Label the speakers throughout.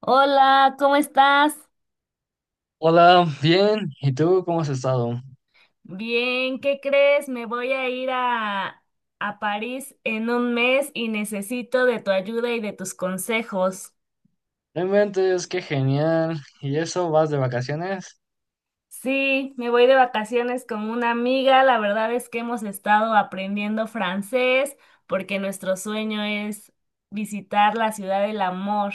Speaker 1: Hola, ¿cómo estás?
Speaker 2: Hola, bien. ¿Y tú cómo has estado?
Speaker 1: Bien, ¿qué crees? Me voy a ir a París en un mes y necesito de tu ayuda y de tus consejos.
Speaker 2: Realmente es que genial. ¿Y eso vas de vacaciones?
Speaker 1: Sí, me voy de vacaciones con una amiga. La verdad es que hemos estado aprendiendo francés porque nuestro sueño es visitar la ciudad del amor.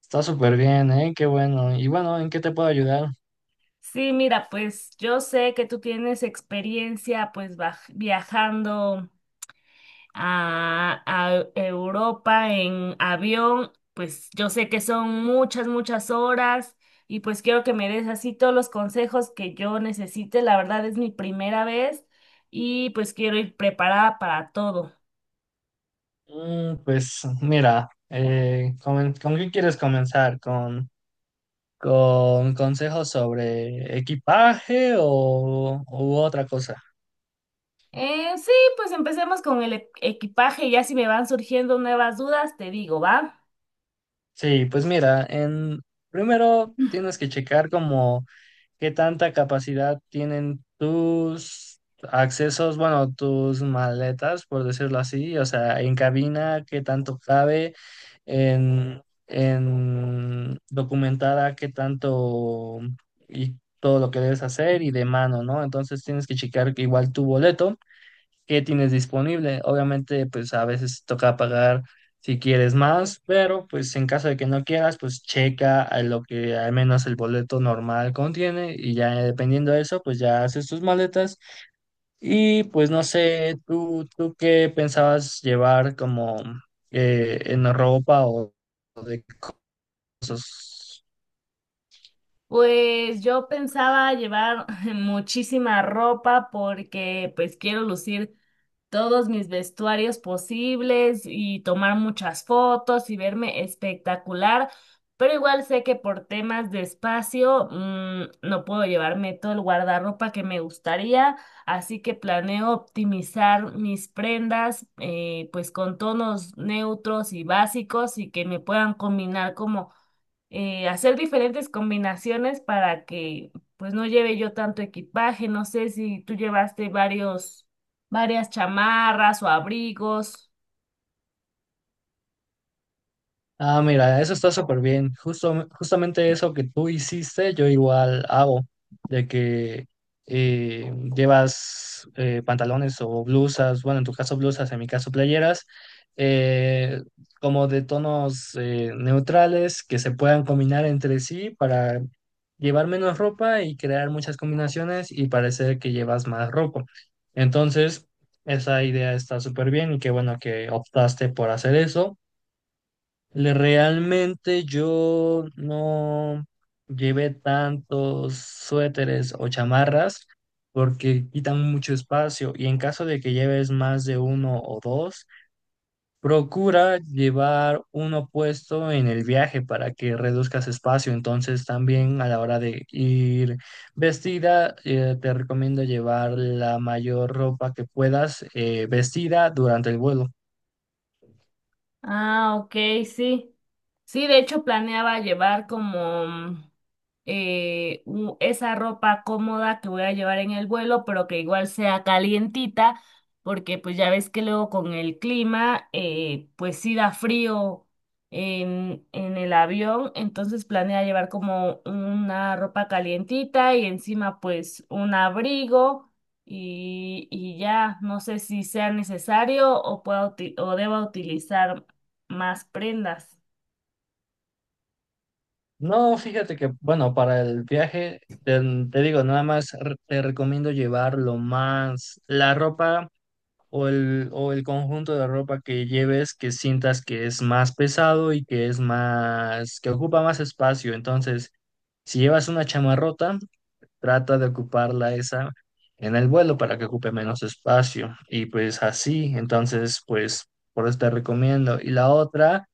Speaker 2: Está súper bien, ¿eh? Qué bueno. Y bueno, ¿en qué te puedo ayudar?
Speaker 1: Sí, mira, pues yo sé que tú tienes experiencia pues viajando. A Europa en avión, pues yo sé que son muchas, muchas horas y pues quiero que me des así todos los consejos que yo necesite. La verdad es mi primera vez y pues quiero ir preparada para todo.
Speaker 2: Pues mira, ¿con qué quieres comenzar? ¿Con consejos sobre equipaje o u otra cosa?
Speaker 1: Sí, pues empecemos con el equipaje y ya si me van surgiendo nuevas dudas, te digo, ¿va?
Speaker 2: Sí, pues mira, en primero tienes que checar como ¿qué tanta capacidad tienen tus accesos, bueno, tus maletas, por decirlo así? O sea, en cabina, ¿qué tanto cabe? En, en documentada, ¿qué tanto y todo lo que debes hacer? Y de mano, ¿no? Entonces tienes que checar que igual tu boleto qué tienes disponible. Obviamente, pues a veces toca pagar si quieres más, pero pues en caso de que no quieras, pues checa a lo que al menos el boleto normal contiene y ya dependiendo de eso, pues ya haces tus maletas y pues no sé, tú qué pensabas llevar como en ropa o de cosas.
Speaker 1: Pues yo pensaba llevar muchísima ropa porque pues quiero lucir todos mis vestuarios posibles y tomar muchas fotos y verme espectacular, pero igual sé que por temas de espacio no puedo llevarme todo el guardarropa que me gustaría, así que planeo optimizar mis prendas pues con tonos neutros y básicos y que me puedan combinar como hacer diferentes combinaciones para que pues no lleve yo tanto equipaje. No sé si tú llevaste varias chamarras o abrigos.
Speaker 2: Ah, mira, eso está súper bien. Justo, justamente eso que tú hiciste, yo igual hago, de que llevas pantalones o blusas, bueno, en tu caso blusas, en mi caso playeras, eh, como de tonos neutrales que se puedan combinar entre sí para llevar menos ropa y crear muchas combinaciones y parecer que llevas más ropa. Entonces, esa idea está súper bien y qué bueno que optaste por hacer eso. Realmente yo no llevé tantos suéteres o chamarras porque quitan mucho espacio y en caso de que lleves más de uno o dos, procura llevar uno puesto en el viaje para que reduzcas espacio. Entonces también a la hora de ir vestida, te recomiendo llevar la mayor ropa que puedas vestida durante el vuelo.
Speaker 1: Ah, ok, sí. Sí, de hecho planeaba llevar como esa ropa cómoda que voy a llevar en el vuelo, pero que igual sea calientita, porque pues ya ves que luego con el clima, pues sí da frío en el avión, entonces planea llevar como una ropa calientita y encima pues un abrigo y ya no sé si sea necesario o pueda o deba utilizar más prendas.
Speaker 2: No, fíjate que, bueno, para el viaje, te digo, nada más te recomiendo llevar lo más, la ropa o o el conjunto de ropa que lleves, que sientas que es más pesado y que es más, que ocupa más espacio. Entonces, si llevas una chamarrota, trata de ocuparla esa en el vuelo para que ocupe menos espacio. Y pues así, entonces, pues, por eso te recomiendo. Y la otra.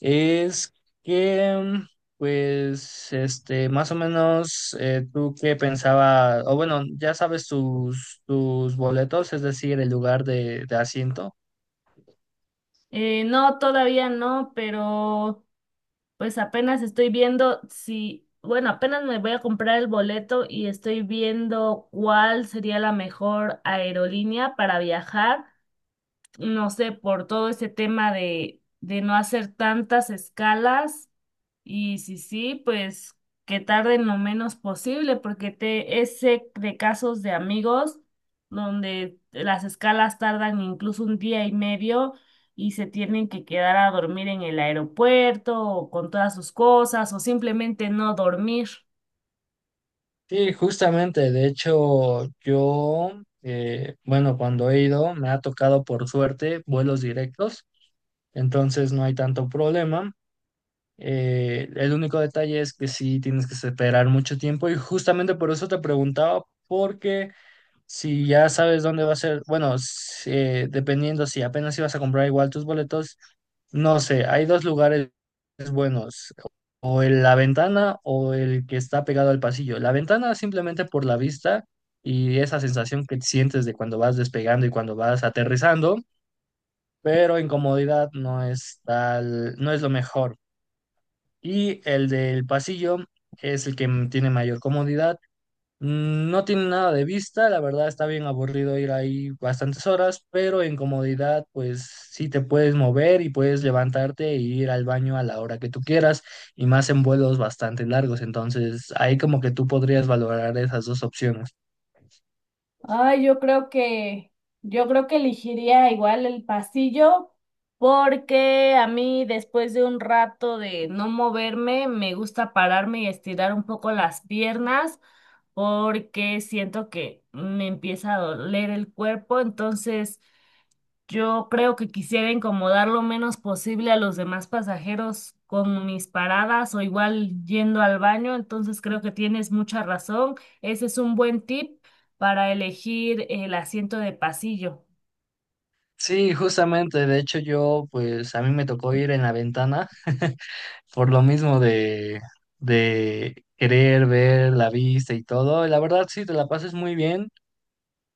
Speaker 2: Es que, pues, este, más o menos, tú qué pensaba, o bueno, ya sabes tus boletos, es decir, el lugar de asiento.
Speaker 1: No, todavía no, pero pues apenas estoy viendo si, bueno, apenas me voy a comprar el boleto y estoy viendo cuál sería la mejor aerolínea para viajar. No sé, por todo ese tema de no hacer tantas escalas. Y si sí, pues que tarden lo menos posible, porque te, ese de casos de amigos donde las escalas tardan incluso un día y medio y se tienen que quedar a dormir en el aeropuerto o con todas sus cosas o simplemente no dormir.
Speaker 2: Sí, justamente, de hecho, yo, bueno, cuando he ido, me ha tocado por suerte vuelos directos, entonces no hay tanto problema. El único detalle es que sí tienes que esperar mucho tiempo y justamente por eso te preguntaba, porque si ya sabes dónde va a ser, bueno, dependiendo si apenas ibas a comprar igual tus boletos, no sé, hay dos lugares buenos, o el La Ventana o el que está pegado al pasillo. La Ventana simplemente por la vista y esa sensación que sientes de cuando vas despegando y cuando vas aterrizando, pero en comodidad no es tal, no es lo mejor. Y el del pasillo es el que tiene mayor comodidad. No tiene nada de vista, la verdad está bien aburrido ir ahí bastantes horas, pero en comodidad pues sí te puedes mover y puedes levantarte e ir al baño a la hora que tú quieras y más en vuelos bastante largos, entonces ahí como que tú podrías valorar esas dos opciones.
Speaker 1: Ay, yo creo que elegiría igual el pasillo, porque a mí después de un rato de no moverme, me gusta pararme y estirar un poco las piernas porque siento que me empieza a doler el cuerpo, entonces yo creo que quisiera incomodar lo menos posible a los demás pasajeros con mis paradas o igual yendo al baño, entonces creo que tienes mucha razón, ese es un buen tip para elegir el asiento de pasillo.
Speaker 2: Sí, justamente, de hecho yo, pues a mí me tocó ir en la ventana por lo mismo de querer ver la vista y todo. La verdad sí, te la pasas muy bien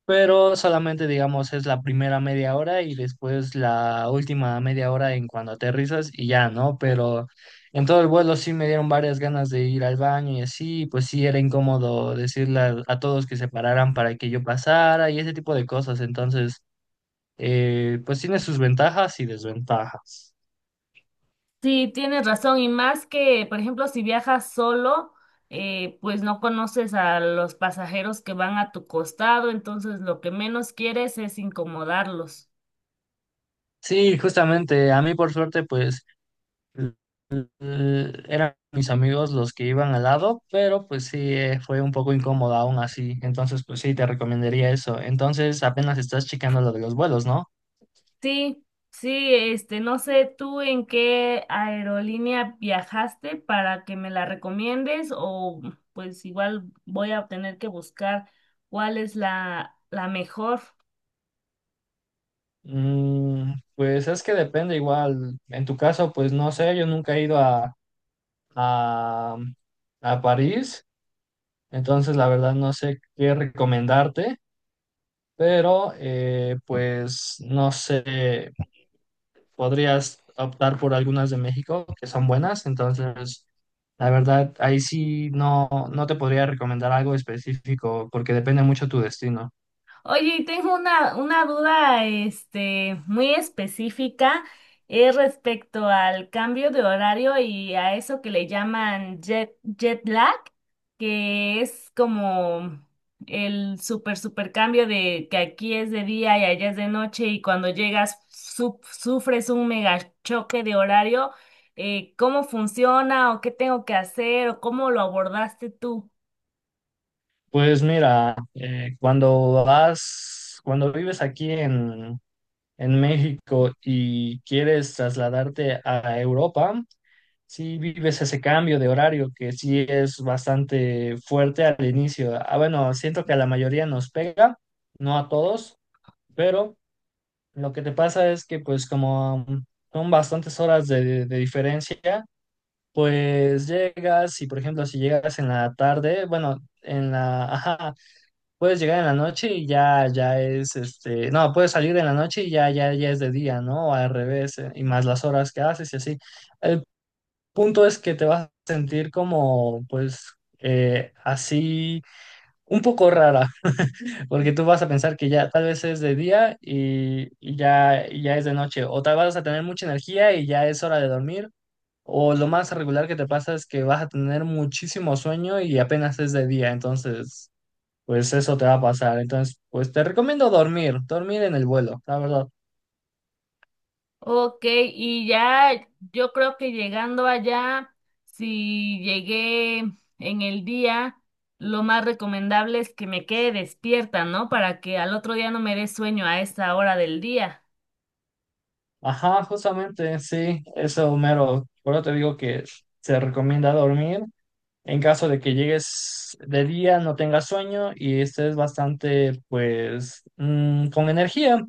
Speaker 2: pero solamente digamos es la primera media hora y después la última media hora en cuando aterrizas y ya, ¿no? Pero en todo el vuelo sí me dieron varias ganas de ir al baño y así, pues sí era incómodo decirle a todos que se pararan para que yo pasara y ese tipo de cosas, entonces pues tiene sus ventajas y desventajas.
Speaker 1: Sí, tienes razón, y más que, por ejemplo, si viajas solo, pues no conoces a los pasajeros que van a tu costado, entonces lo que menos quieres es incomodarlos.
Speaker 2: Sí, justamente, a mí por suerte pues l- eran mis amigos los que iban al lado, pero pues sí, fue un poco incómodo aún así. Entonces, pues sí, te recomendaría eso. Entonces, apenas estás checando lo de los vuelos, ¿no?
Speaker 1: Sí, sí, este, no sé tú en qué aerolínea viajaste para que me la recomiendes o pues igual voy a tener que buscar cuál es la mejor.
Speaker 2: Pues es que depende igual. En tu caso, pues no sé, yo nunca he ido a, a París, entonces la verdad no sé qué recomendarte, pero pues no sé, podrías optar por algunas de México que son buenas, entonces la verdad ahí sí no, no te podría recomendar algo específico porque depende mucho tu destino.
Speaker 1: Oye, y tengo una duda, este, muy específica, es respecto al cambio de horario y a eso que le llaman jet lag, que es como el super cambio de que aquí es de día y allá es de noche y cuando llegas sufres un mega choque de horario. Eh, ¿cómo funciona o qué tengo que hacer o cómo lo abordaste tú?
Speaker 2: Pues mira, cuando vas, cuando vives aquí en México y quieres trasladarte a Europa, si vives ese cambio de horario que sí es bastante fuerte al inicio. Ah, bueno, siento que a la mayoría nos pega, no a todos, pero lo que te pasa es que pues como son bastantes horas de diferencia, pues llegas y por ejemplo si llegas en la tarde, bueno, en la, ajá, puedes llegar en la noche y ya, ya es este, no, puedes salir en la noche y ya, ya, ya es de día, ¿no? O al revés, y más las horas que haces y así. El punto es que te vas a sentir como pues así un poco rara. Porque tú vas a pensar que ya tal vez es de día y, y ya es de noche, o tal vas a tener mucha energía y ya es hora de dormir, o lo más regular que te pasa es que vas a tener muchísimo sueño y apenas es de día, entonces pues eso te va a pasar. Entonces, pues te recomiendo dormir en el vuelo, la verdad.
Speaker 1: Ok, y ya yo creo que llegando allá, si llegué en el día, lo más recomendable es que me quede despierta, ¿no? Para que al otro día no me dé sueño a esa hora del día.
Speaker 2: Ajá, justamente, sí, eso, Homero. Por eso te digo que se recomienda dormir en caso de que llegues de día, no tengas sueño y estés bastante, pues, con energía.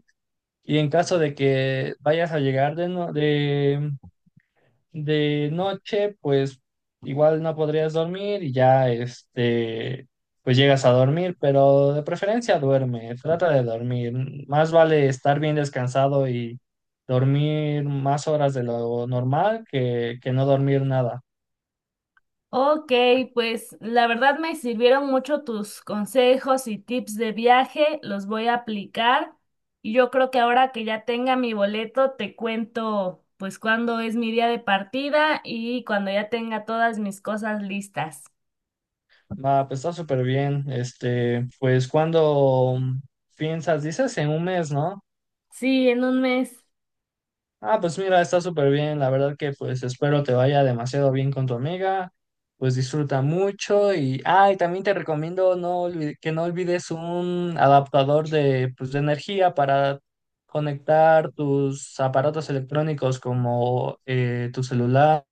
Speaker 2: Y en caso de que vayas a llegar de noche, pues igual no podrías dormir y ya, este, pues llegas a dormir, pero de preferencia duerme, trata de dormir. Más vale estar bien descansado y dormir más horas de lo normal que no dormir nada.
Speaker 1: Ok, pues la verdad me sirvieron mucho tus consejos y tips de viaje, los voy a aplicar y yo creo que ahora que ya tenga mi boleto, te cuento pues cuándo es mi día de partida y cuando ya tenga todas mis cosas listas.
Speaker 2: Va, pues está súper bien. Este, pues cuando piensas, dices en un mes, ¿no?
Speaker 1: Sí, en un mes.
Speaker 2: Ah, pues mira, está súper bien. La verdad que pues espero te vaya demasiado bien con tu amiga. Pues disfruta mucho y, ah, y también te recomiendo no que no olvides un adaptador de, pues, de energía para conectar tus aparatos electrónicos como tu celular,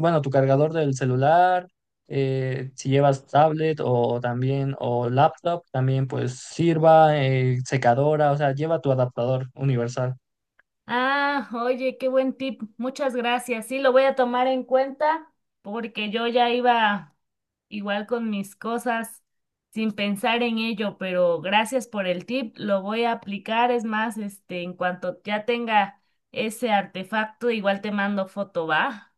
Speaker 2: bueno, tu cargador del celular, si llevas tablet o también o laptop, también pues sirva, secadora, o sea, lleva tu adaptador universal.
Speaker 1: Ah, oye, qué buen tip. Muchas gracias. Sí, lo voy a tomar en cuenta porque yo ya iba igual con mis cosas sin pensar en ello, pero gracias por el tip. Lo voy a aplicar. Es más, este, en cuanto ya tenga ese artefacto, igual te mando foto, ¿va?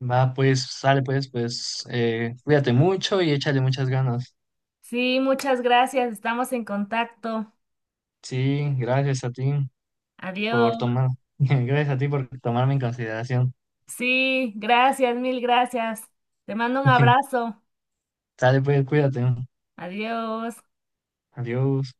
Speaker 2: Va, pues, sale pues, pues, cuídate mucho y échale muchas ganas.
Speaker 1: Sí, muchas gracias. Estamos en contacto.
Speaker 2: Sí, gracias a ti por
Speaker 1: Adiós.
Speaker 2: tomar, gracias a ti por tomarme en consideración.
Speaker 1: Sí, gracias, mil gracias. Te mando un abrazo.
Speaker 2: Sale pues, cuídate.
Speaker 1: Adiós.
Speaker 2: Adiós.